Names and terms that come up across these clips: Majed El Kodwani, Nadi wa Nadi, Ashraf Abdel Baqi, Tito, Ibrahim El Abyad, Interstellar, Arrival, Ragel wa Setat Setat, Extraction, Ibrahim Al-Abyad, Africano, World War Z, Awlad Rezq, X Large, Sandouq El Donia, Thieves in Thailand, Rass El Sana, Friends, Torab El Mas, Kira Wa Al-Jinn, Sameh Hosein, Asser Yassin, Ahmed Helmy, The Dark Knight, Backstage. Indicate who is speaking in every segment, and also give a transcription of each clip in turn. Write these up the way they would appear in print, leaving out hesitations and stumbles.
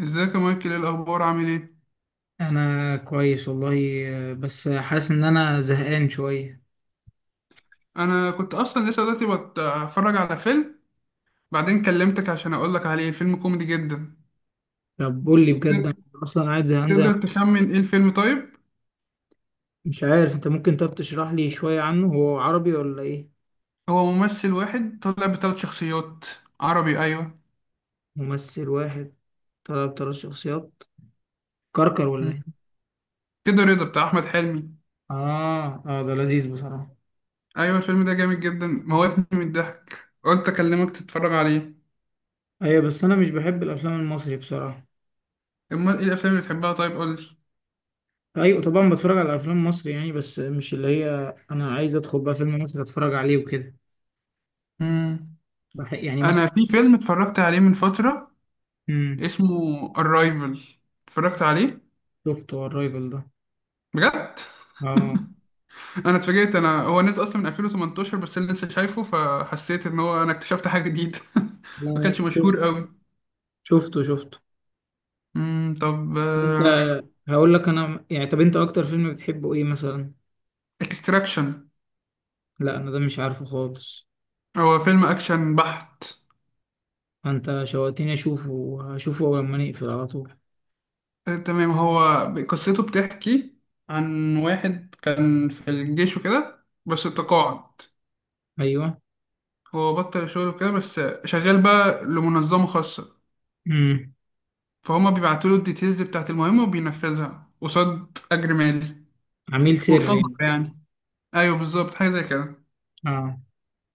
Speaker 1: ازيك يا مايكل، ايه الاخبار؟ عامل ايه؟
Speaker 2: انا كويس والله. بس حاسس ان انا زهقان شويه.
Speaker 1: انا كنت اصلا لسه دلوقتي بتفرج على فيلم، بعدين كلمتك عشان اقول لك عليه. الفيلم كوميدي جدا.
Speaker 2: طب قول لي بجد،
Speaker 1: ت-
Speaker 2: أنا اصلا قاعد زهقان زي.
Speaker 1: تقدر تخمن ايه الفيلم؟ طيب،
Speaker 2: مش عارف انت، ممكن طب تشرح لي شويه عنه، هو عربي ولا ايه؟
Speaker 1: هو ممثل واحد طلع بثلاث شخصيات. عربي، ايوه.
Speaker 2: ممثل واحد طلب ثلاث شخصيات، كركر ولا
Speaker 1: مم.
Speaker 2: ايه؟
Speaker 1: كده رضا بتاع احمد حلمي.
Speaker 2: اه اه، ده لذيذ بصراحه.
Speaker 1: ايوه الفيلم ده جامد جدا، موتني من الضحك، قلت اكلمك تتفرج عليه.
Speaker 2: ايوه بس انا مش بحب الافلام المصري بصراحه.
Speaker 1: امال ايه الافلام اللي بتحبها؟ طيب قول لي.
Speaker 2: ايوه طبعا بتفرج على افلام مصري يعني، بس مش اللي هي. انا عايز ادخل بقى فيلم مصري اتفرج عليه وكده.
Speaker 1: مم.
Speaker 2: يعني مثلا.
Speaker 1: انا في فيلم اتفرجت عليه من فترة
Speaker 2: امم.
Speaker 1: اسمه Arrival. اتفرجت عليه
Speaker 2: شفته الرايفل ده؟
Speaker 1: بجد.
Speaker 2: اه.
Speaker 1: انا اتفاجئت، انا هو نزل اصلا من 2018 بس انا لسه شايفه فحسيت ان هو انا اكتشفت حاجه جديده.
Speaker 2: لا،
Speaker 1: ما كانش مشهور
Speaker 2: شفته
Speaker 1: قوي.
Speaker 2: شفته شفته.
Speaker 1: طب،
Speaker 2: انت، هقول لك انا يعني، طب انت اكتر فيلم بتحبه ايه مثلا؟
Speaker 1: اكستراكشن
Speaker 2: لا انا ده مش عارفه خالص.
Speaker 1: هو فيلم اكشن بحت.
Speaker 2: انت شوقتني اشوفه، وهشوفه لما نقفل على طول.
Speaker 1: آه، تمام. هو قصته بتحكي عن واحد كان في الجيش وكده بس اتقاعد.
Speaker 2: ايوه.
Speaker 1: هو بطل شغله كده بس، شغال بقى لمنظمه خاصه.
Speaker 2: امم.
Speaker 1: فهما بيبعتوا له الديتيلز بتاعت المهمه وبينفذها قصاد اجر مالي.
Speaker 2: عميل سري
Speaker 1: مرتزقه
Speaker 2: يعني.
Speaker 1: يعني، ايوه بالظبط حاجه زي كده.
Speaker 2: اه.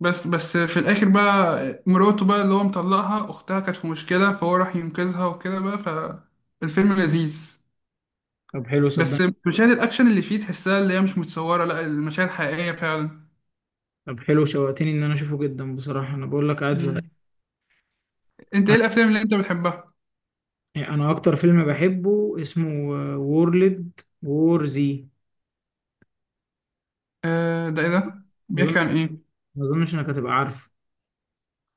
Speaker 1: بس في الاخر بقى مراته بقى اللي هو مطلقها اختها كانت في مشكله، فهو راح ينقذها وكده بقى، فالفيلم لذيذ.
Speaker 2: طب حلو،
Speaker 1: بس
Speaker 2: صدقني.
Speaker 1: مشاهد الاكشن اللي فيه تحسها اللي هي مش متصوره، لا المشاهد حقيقيه فعلا.
Speaker 2: طب حلو، شوقتني ان انا اشوفه جدا بصراحه. انا بقول لك قاعد زهقان.
Speaker 1: مم. انت ايه الافلام اللي انت بتحبها؟
Speaker 2: انا اكتر فيلم بحبه اسمه وورلد وور زي.
Speaker 1: آه ده، ايه ده
Speaker 2: ما اظن
Speaker 1: بيحكي عن ايه؟
Speaker 2: ما اظنش انك هتبقى عارفه.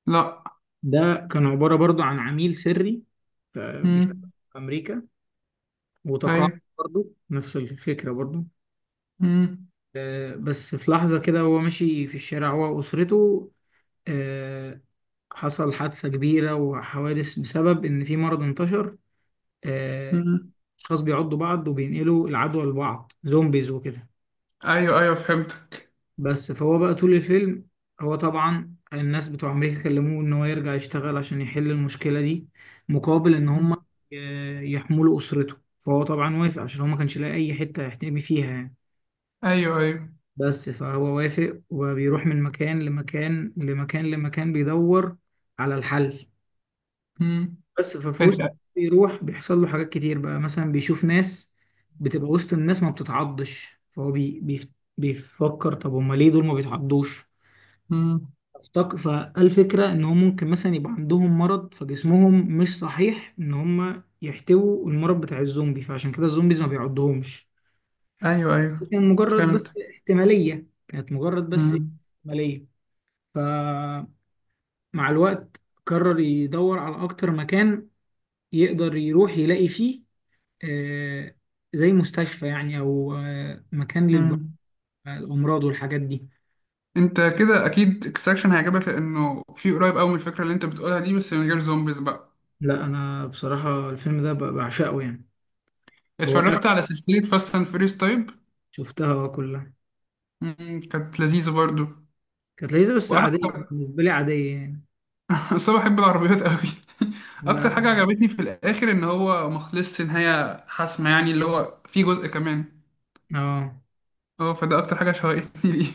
Speaker 1: لا.
Speaker 2: ده كان عباره برضو عن عميل سري. بيشتغل
Speaker 1: مم.
Speaker 2: في امريكا وتقاعد.
Speaker 1: ايوه.
Speaker 2: برضو نفس الفكره برضو.
Speaker 1: مم.
Speaker 2: بس في لحظة كده وهو ماشي في الشارع هو وأسرته، آه، حصل حادثة كبيرة وحوادث بسبب إن في مرض انتشر. آه،
Speaker 1: مم.
Speaker 2: أشخاص بيعضوا بعض وبينقلوا العدوى لبعض، زومبيز وكده.
Speaker 1: ايوه ايوه، فهمتك.
Speaker 2: بس فهو بقى طول الفيلم، هو طبعا الناس بتوع أمريكا كلموه إن هو يرجع يشتغل عشان يحل المشكلة دي، مقابل إن هم،
Speaker 1: مم.
Speaker 2: يحملوا أسرته. فهو طبعا وافق عشان هو ما كانش لاقي أي حتة يحتمي فيها يعني.
Speaker 1: ايوه ايوه.
Speaker 2: بس فهو وافق، وبيروح من مكان لمكان لمكان لمكان بيدور على الحل.
Speaker 1: مم.
Speaker 2: بس ففي وسط
Speaker 1: انت.
Speaker 2: بيروح بيحصل له حاجات كتير بقى، مثلا بيشوف ناس بتبقى وسط الناس ما بتتعضش، فهو بي بي بيفكر طب هما ليه دول ما بيتعضوش؟
Speaker 1: مم.
Speaker 2: افتكر فالفكرة ان هم ممكن مثلا يبقى عندهم مرض فجسمهم مش صحيح ان هم يحتووا المرض بتاع الزومبي، فعشان كده الزومبيز ما بيعضهمش.
Speaker 1: ايوه ايوه، فهمت.
Speaker 2: كانت مجرد بس
Speaker 1: مم.
Speaker 2: احتمالية. مع الوقت قرر يدور على أكتر مكان يقدر يروح يلاقي فيه، آه، زي مستشفى يعني، أو مكان
Speaker 1: مم.
Speaker 2: للأمراض والحاجات دي.
Speaker 1: انت كده اكيد اكستراكشن هيعجبك، لانه في قريب قوي من الفكره اللي انت بتقولها دي، بس من غير زومبيز بقى.
Speaker 2: لا أنا بصراحة الفيلم ده بعشقه يعني. هو أكتر.
Speaker 1: اتفرجت على سلسله فاست اند فيريس طيب؟
Speaker 2: شفتها كلها.
Speaker 1: كانت لذيذه برضو.
Speaker 2: كانت لذيذة بس عادية
Speaker 1: واكتر.
Speaker 2: بالنسبة لي، عادية يعني.
Speaker 1: بس انا بحب العربيات قوي. اكتر
Speaker 2: لا.
Speaker 1: حاجه عجبتني في الاخر ان هو ما خلصش نهايه حاسمه يعني اللي هو في جزء كمان.
Speaker 2: اه.
Speaker 1: اه، فده اكتر حاجه شوقتني ليه.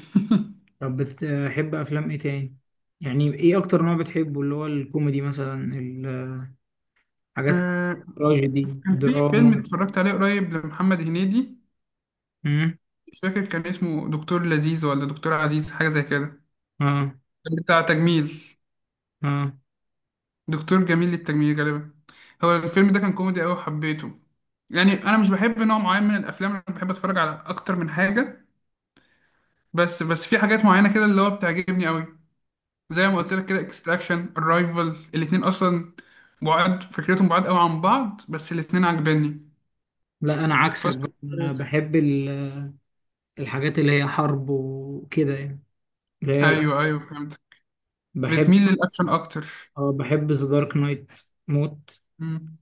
Speaker 2: طب بتحب أفلام إيه تاني؟ يعني إيه أكتر نوع بتحبه، اللي هو الكوميدي مثلا، الحاجات
Speaker 1: آه،
Speaker 2: التراجيدي،
Speaker 1: كان في فيلم
Speaker 2: الدراما؟
Speaker 1: اتفرجت عليه قريب لمحمد هنيدي.
Speaker 2: امم.
Speaker 1: مش فاكر كان اسمه دكتور لذيذ ولا دكتور عزيز، حاجه زي كده.
Speaker 2: اه
Speaker 1: كان بتاع تجميل،
Speaker 2: اه.
Speaker 1: دكتور جميل للتجميل غالبا. هو الفيلم ده كان كوميدي قوي وحبيته. يعني انا مش بحب نوع معين من الافلام، انا بحب اتفرج على اكتر من حاجه. بس في حاجات معينه كده اللي هو بتعجبني قوي. زي ما قلت لك كده اكستراكشن الرايفل الاتنين اصلا، بعاد فكرتهم بعاد قوي عن بعض بس الاتنين عجباني.
Speaker 2: لا انا عكسك
Speaker 1: فاست.
Speaker 2: بقى، انا بحب الحاجات اللي هي حرب وكده يعني، اللي هي
Speaker 1: ايوه ايوه، فهمت.
Speaker 2: بحب.
Speaker 1: بتميل للاكشن اكتر.
Speaker 2: اه بحب ذا دارك نايت موت.
Speaker 1: مم.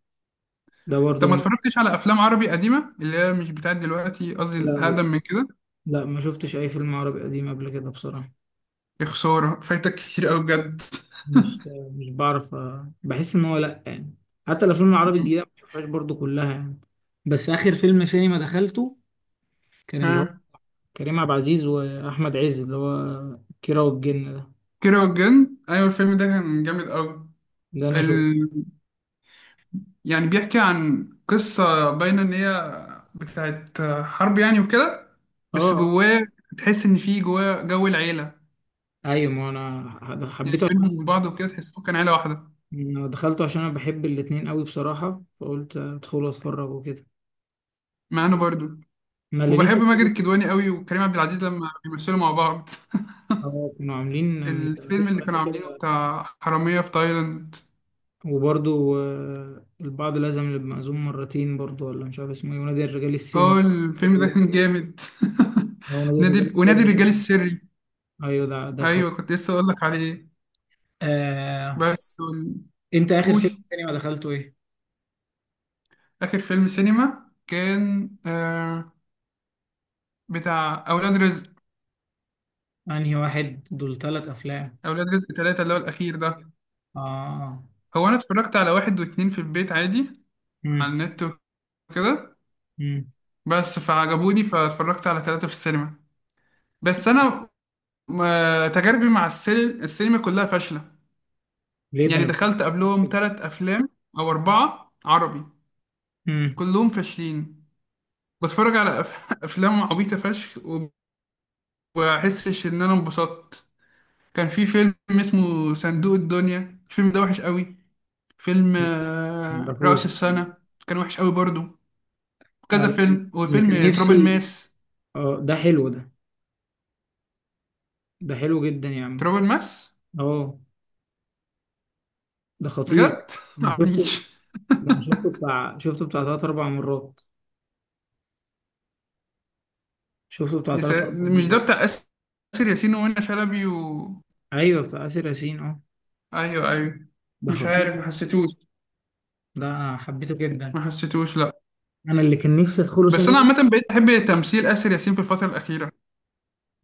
Speaker 2: ده
Speaker 1: طب
Speaker 2: برضو
Speaker 1: ما
Speaker 2: من...
Speaker 1: اتفرجتش على افلام عربي قديمه اللي هي مش بتاعت دلوقتي، قصدي
Speaker 2: لا لا
Speaker 1: الاقدم من كده.
Speaker 2: لا، ما شفتش اي فيلم عربي قديم قبل كده بصراحة.
Speaker 1: يا خساره، فايتك كتير قوي بجد.
Speaker 2: مش مش بعرف بحس ان هو لا يعني. حتى الافلام العربي
Speaker 1: مم.
Speaker 2: الجديدة ما بشوفهاش برضو كلها يعني. بس اخر فيلم سينما دخلته كان اللي هو
Speaker 1: ها.
Speaker 2: كريم عبد العزيز واحمد عز، اللي هو كيرة والجن ده.
Speaker 1: كيرة والجن أيوة، الفيلم ده كان جامد أوي.
Speaker 2: ده انا شفته.
Speaker 1: ال... يعني بيحكي عن قصة باينة إن هي بتاعت حرب يعني وكده.
Speaker 2: اه.
Speaker 1: بس
Speaker 2: آه.
Speaker 1: جواه تحس إن في جواه جو العيلة،
Speaker 2: ايوه، ما انا
Speaker 1: يعني
Speaker 2: حبيته.
Speaker 1: بينهم وبعض وكده تحسهم كان عيلة واحدة.
Speaker 2: أنا دخلته عشان انا بحب الاتنين قوي بصراحة، فقلت ادخل اتفرج وكده.
Speaker 1: ما أنا برضو،
Speaker 2: ما اللي نفسي
Speaker 1: وبحب ماجد
Speaker 2: أدخله.
Speaker 1: الكدواني أوي وكريم عبد العزيز لما بيمثلوا مع بعض.
Speaker 2: هو كانوا عاملين من
Speaker 1: الفيلم
Speaker 2: سنتين
Speaker 1: اللي
Speaker 2: ثلاثة
Speaker 1: كانوا عاملينه
Speaker 2: كده،
Speaker 1: بتاع حرامية في تايلاند.
Speaker 2: وبرضو البعض لازم يبقى مأذون مرتين، برضو ولا مش عارف اسمه ايه، ونادي الرجال
Speaker 1: اه الفيلم ده
Speaker 2: السري.
Speaker 1: كان جامد.
Speaker 2: هو نادي الرجال
Speaker 1: ونادي
Speaker 2: السري
Speaker 1: الرجال
Speaker 2: برضو.
Speaker 1: السري.
Speaker 2: ايوه، ده
Speaker 1: أيوة كنت لسه أقول لك عليه.
Speaker 2: آه.
Speaker 1: بس
Speaker 2: انت اخر
Speaker 1: قول.
Speaker 2: فيلم تاني ما دخلته ايه؟
Speaker 1: آخر فيلم سينما كان بتاع أولاد رزق.
Speaker 2: انهي واحد، دول ثلاث افلام.
Speaker 1: أولاد رزق تلاتة اللي هو الأخير ده.
Speaker 2: اه.
Speaker 1: هو أنا اتفرجت على واحد واتنين في البيت عادي،
Speaker 2: امم.
Speaker 1: على النت وكده.
Speaker 2: امم.
Speaker 1: بس فعجبوني فاتفرجت على تلاتة في السينما. بس أنا تجاربي مع السينما كلها فاشلة.
Speaker 2: ليه؟ ده
Speaker 1: يعني
Speaker 2: انا بحب
Speaker 1: دخلت قبلهم
Speaker 2: كده.
Speaker 1: تلات أفلام أو أربعة عربي،
Speaker 2: امم.
Speaker 1: كلهم فاشلين. بتفرج على أفلام عبيطة فشخ. وبحسش إن أنا انبسطت. كان في فيلم اسمه صندوق الدنيا، الفيلم ده وحش قوي. فيلم رأس
Speaker 2: معرفوش.
Speaker 1: السنة كان وحش قوي برضو.
Speaker 2: آه،
Speaker 1: كذا
Speaker 2: لكن-
Speaker 1: فيلم،
Speaker 2: اللي كان
Speaker 1: وفيلم تراب
Speaker 2: نفسي.
Speaker 1: الماس.
Speaker 2: اه ده حلو ده، ده حلو جدا يا عم.
Speaker 1: تراب الماس،
Speaker 2: اه ده خطير.
Speaker 1: بجد.
Speaker 2: شفته.
Speaker 1: معرفنيش.
Speaker 2: ده أنا شفته بتاع، شفته بتاع تلات أربع مرات، شفته بتاع تلات أربع
Speaker 1: مش ده
Speaker 2: مرات.
Speaker 1: بتاع آسر ياسين ومنى شلبي.
Speaker 2: أيوه بتاع آسر ياسين، اه.
Speaker 1: ايوه ايوه،
Speaker 2: ده
Speaker 1: مش عارف، ما
Speaker 2: خطير.
Speaker 1: حسيتوش.
Speaker 2: ده أنا حبيته جدا.
Speaker 1: ما حسيتوش، لا.
Speaker 2: أنا اللي كان نفسي أدخله
Speaker 1: بس انا
Speaker 2: سينما.
Speaker 1: عامة بقيت احب تمثيل آسر ياسين في الفترة الأخيرة.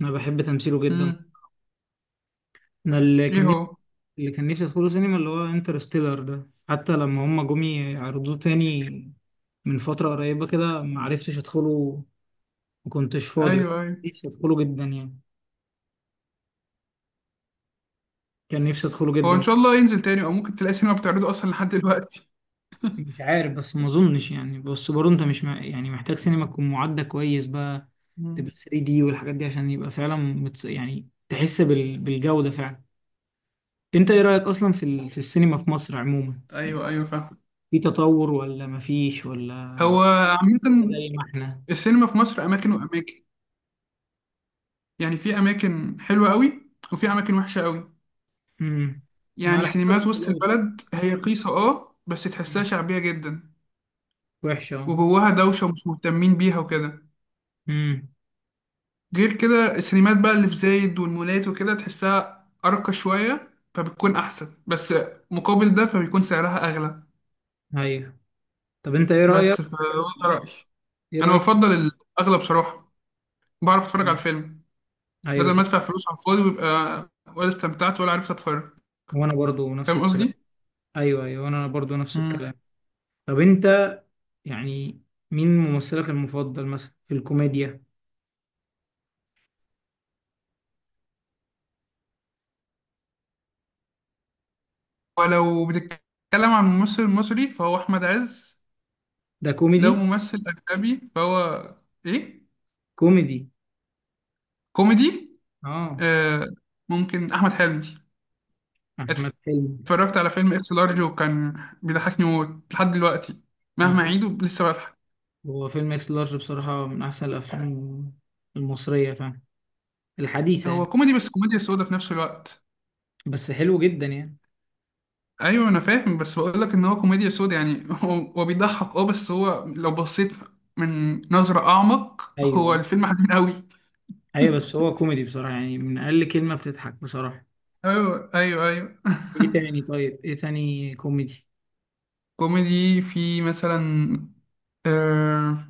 Speaker 2: أنا بحب تمثيله جدا.
Speaker 1: امم
Speaker 2: أنا اللي
Speaker 1: ايه
Speaker 2: كان نفسي
Speaker 1: هو؟
Speaker 2: اللي كان نفسي أدخله سينما، اللي هو انترستيلر ده، حتى لما هما جم يعرضوه تاني من فترة قريبة كده ما عرفتش أدخله، ما كنتش فاضي. بس
Speaker 1: ايوه ايوه،
Speaker 2: نفسي أدخله جدا يعني، كان نفسي أدخله
Speaker 1: هو ان
Speaker 2: جدا.
Speaker 1: شاء الله ينزل تاني او ممكن تلاقي سينما بتعرضه اصلا لحد دلوقتي.
Speaker 2: مش عارف بس ما اظنش يعني. بس برضه انت مش مع... يعني محتاج سينما تكون معدة كويس بقى، تبقى
Speaker 1: مم.
Speaker 2: 3D دي والحاجات دي عشان يبقى فعلا يعني تحس بالجودة فعلا. انت ايه رأيك اصلا في في السينما في مصر عموما يعني،
Speaker 1: ايوه ايوه، فاهم.
Speaker 2: في تطور ولا مفيش؟ ولا
Speaker 1: هو عامة
Speaker 2: زي ما احنا.
Speaker 1: السينما في مصر أماكن وأماكن. يعني في أماكن حلوة قوي وفي أماكن وحشة قوي.
Speaker 2: امم. ما
Speaker 1: يعني
Speaker 2: على حسب
Speaker 1: سينمات وسط
Speaker 2: الفلوس يعني.
Speaker 1: البلد هي رخيصة، اه بس تحسها
Speaker 2: مم.
Speaker 1: شعبية جدا،
Speaker 2: وحشة، اه.
Speaker 1: وجواها دوشة ومش مهتمين بيها وكده.
Speaker 2: امم.
Speaker 1: غير كده السينمات بقى اللي في زايد والمولات وكده تحسها أرقى شوية فبتكون أحسن، بس مقابل ده فبيكون سعرها أغلى.
Speaker 2: ايوه. طب انت ايه رأيك،
Speaker 1: بس فده رأيي.
Speaker 2: ايه
Speaker 1: أنا
Speaker 2: رأيك؟
Speaker 1: بفضل الأغلى بصراحة، بعرف أتفرج على
Speaker 2: مم.
Speaker 1: الفيلم،
Speaker 2: ايوه
Speaker 1: بدل ما
Speaker 2: فعلا.
Speaker 1: أدفع فلوس على الفاضي ويبقى ولا استمتعت ولا عرفت أتفرج.
Speaker 2: وانا برضو نفس
Speaker 1: فاهم
Speaker 2: الكلام.
Speaker 1: قصدي؟
Speaker 2: ايوه ايوه، انا برضو نفس
Speaker 1: مم.
Speaker 2: الكلام. طب انت يعني، مين ممثلك المفضل مثلا في الكوميديا؟
Speaker 1: ولو بتتكلم عن ممثل مصري فهو أحمد عز.
Speaker 2: ده
Speaker 1: لو
Speaker 2: كوميدي.
Speaker 1: ممثل أجنبي فهو إيه؟
Speaker 2: كوميدي،
Speaker 1: كوميدي.
Speaker 2: اه.
Speaker 1: آه، ممكن أحمد حلمي.
Speaker 2: احمد حلمي.
Speaker 1: اتفرجت على فيلم اكس لارج وكان بيضحكني موت لحد دلوقتي، مهما
Speaker 2: يعني
Speaker 1: أعيده لسه بضحك.
Speaker 2: هو فيلم اكس لارج بصراحة من احسن الافلام المصرية، فاهم، الحديثة
Speaker 1: هو
Speaker 2: يعني.
Speaker 1: كوميدي بس كوميديا سودا في نفس الوقت.
Speaker 2: بس حلو جدا يعني.
Speaker 1: أيوه أنا فاهم، بس بقول لك إن هو كوميديا سودا يعني. هو بيضحك أه، بس هو لو بصيت من نظرة أعمق هو
Speaker 2: ايوه
Speaker 1: الفيلم حزين أوي.
Speaker 2: ايوه، بس هو كوميدي بصراحة يعني، من اقل كلمة بتضحك بصراحة.
Speaker 1: أيوه أيوه أيوه.
Speaker 2: ايه تاني؟ طيب ايه تاني كوميدي؟
Speaker 1: كوميدي في مثلا آه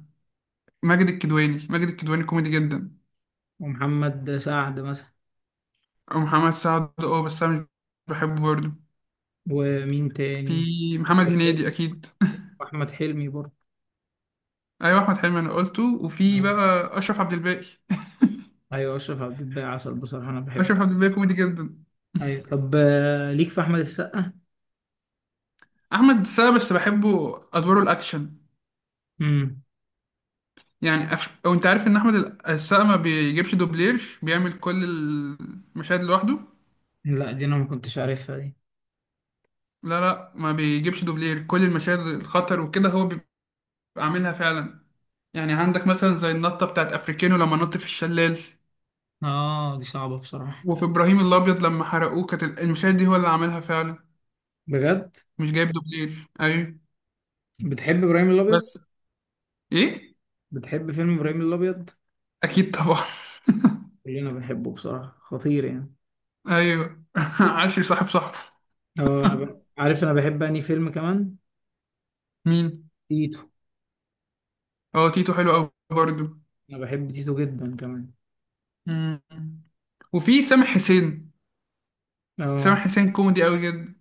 Speaker 1: ماجد الكدواني، ماجد الكدواني كوميدي جدا.
Speaker 2: ومحمد سعد مثلا؟
Speaker 1: ومحمد سعد اه، بس انا مش بحبه برضه.
Speaker 2: ومين
Speaker 1: في
Speaker 2: تاني؟
Speaker 1: محمد
Speaker 2: احمد حلمي.
Speaker 1: هنيدي اكيد.
Speaker 2: واحمد حلمي برضه.
Speaker 1: ايوه احمد حلمي انا قلته، وفي بقى اشرف عبد الباقي.
Speaker 2: ايوه، اشرف عبد الباقي عسل بصراحة، انا بحبه.
Speaker 1: اشرف عبد الباقي كوميدي جدا.
Speaker 2: ايوه. طب ليك في احمد السقا؟
Speaker 1: احمد السقا بس بحبه ادواره الاكشن.
Speaker 2: امم.
Speaker 1: يعني او انت عارف ان احمد السقا ما بيجيبش دوبلير، بيعمل كل المشاهد لوحده.
Speaker 2: لا دي انا ما كنتش عارفها دي.
Speaker 1: لا، لا، ما بيجيبش دوبلير. كل المشاهد الخطر وكده هو بيبقى عاملها فعلا. يعني عندك مثلا زي النطة بتاعت أفريكانو لما نط في الشلال،
Speaker 2: اه دي صعبة بصراحة.
Speaker 1: وفي إبراهيم الأبيض لما حرقوه، كانت المشاهد دي هو اللي عاملها فعلا.
Speaker 2: بجد.
Speaker 1: مش جايب دوبلير، أيوه.
Speaker 2: بتحب ابراهيم الابيض؟
Speaker 1: بس. إيه؟
Speaker 2: بتحب فيلم ابراهيم الابيض؟
Speaker 1: أكيد طبعا،
Speaker 2: كلنا بنحبه بصراحة، خطير يعني.
Speaker 1: أيوه. عشري صاحبه.
Speaker 2: اه انا عارف انا بحب انهي فيلم كمان،
Speaker 1: مين؟
Speaker 2: تيتو.
Speaker 1: هو تيتو حلو أوي برضه.
Speaker 2: انا بحب تيتو جدا كمان.
Speaker 1: مم. وفي سامح حسين. سامح
Speaker 2: اه.
Speaker 1: حسين كوميدي أوي جدا،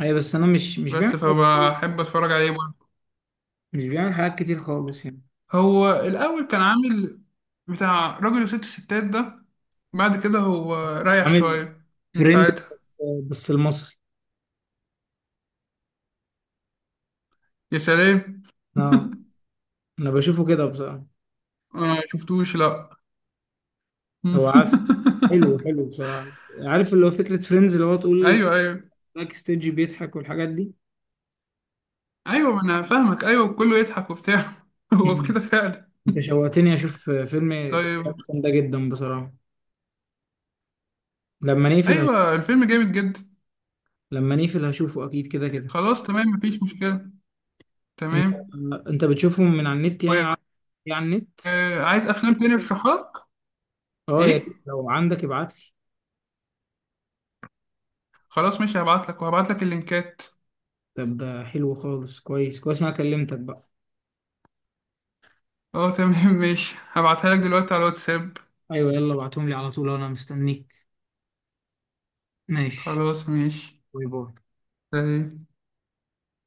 Speaker 2: ايوه بس انا مش بيعمل
Speaker 1: بس
Speaker 2: حاجات كتير،
Speaker 1: فبحب أتفرج عليه برضه.
Speaker 2: مش بيعمل حاجات كتير خالص يعني.
Speaker 1: هو الأول كان عامل بتاع راجل وست ستات ده. بعد كده هو رايح
Speaker 2: عامل
Speaker 1: شوية من
Speaker 2: ترند بس.
Speaker 1: ساعتها.
Speaker 2: بس المصري،
Speaker 1: يا سلام.
Speaker 2: اه،
Speaker 1: آه،
Speaker 2: انا بشوفه كده بصراحة.
Speaker 1: ما شفتوش لا.
Speaker 2: هو عسل، حلو حلو بصراحة. عارف اللي هو فكرة فريندز، اللي هو تقول
Speaker 1: ايوه ايوه
Speaker 2: باك ستيج بيضحك والحاجات دي؟
Speaker 1: ايوه، ما انا فاهمك، ايوه كله يضحك وبتاع. هو في
Speaker 2: مم.
Speaker 1: كده فعلا.
Speaker 2: انت شوقتني اشوف فيلم
Speaker 1: طيب.
Speaker 2: اكستراكشن ده جدا بصراحة. لما نقفل
Speaker 1: ايوه الفيلم جامد جدا.
Speaker 2: لما نقفل هشوفه اكيد، كده كده.
Speaker 1: خلاص تمام، مفيش مشكله.
Speaker 2: انت
Speaker 1: تمام.
Speaker 2: انت بتشوفهم من على النت يعني،
Speaker 1: و-
Speaker 2: يعني على النت.
Speaker 1: عايز افلام تاني ارشحها لك.
Speaker 2: اه يا ريت
Speaker 1: ايه،
Speaker 2: لو عندك ابعت لي.
Speaker 1: خلاص ماشي، هبعت لك اللينكات.
Speaker 2: طب ده حلو خالص، كويس كويس، انا كلمتك بقى.
Speaker 1: اه تمام. ماشي هبعتها لك دلوقتي على الواتساب.
Speaker 2: ايوه، يلا ابعتهم لي على طول انا مستنيك. ماشي.
Speaker 1: خلاص ماشي،
Speaker 2: باي باي.
Speaker 1: سلام.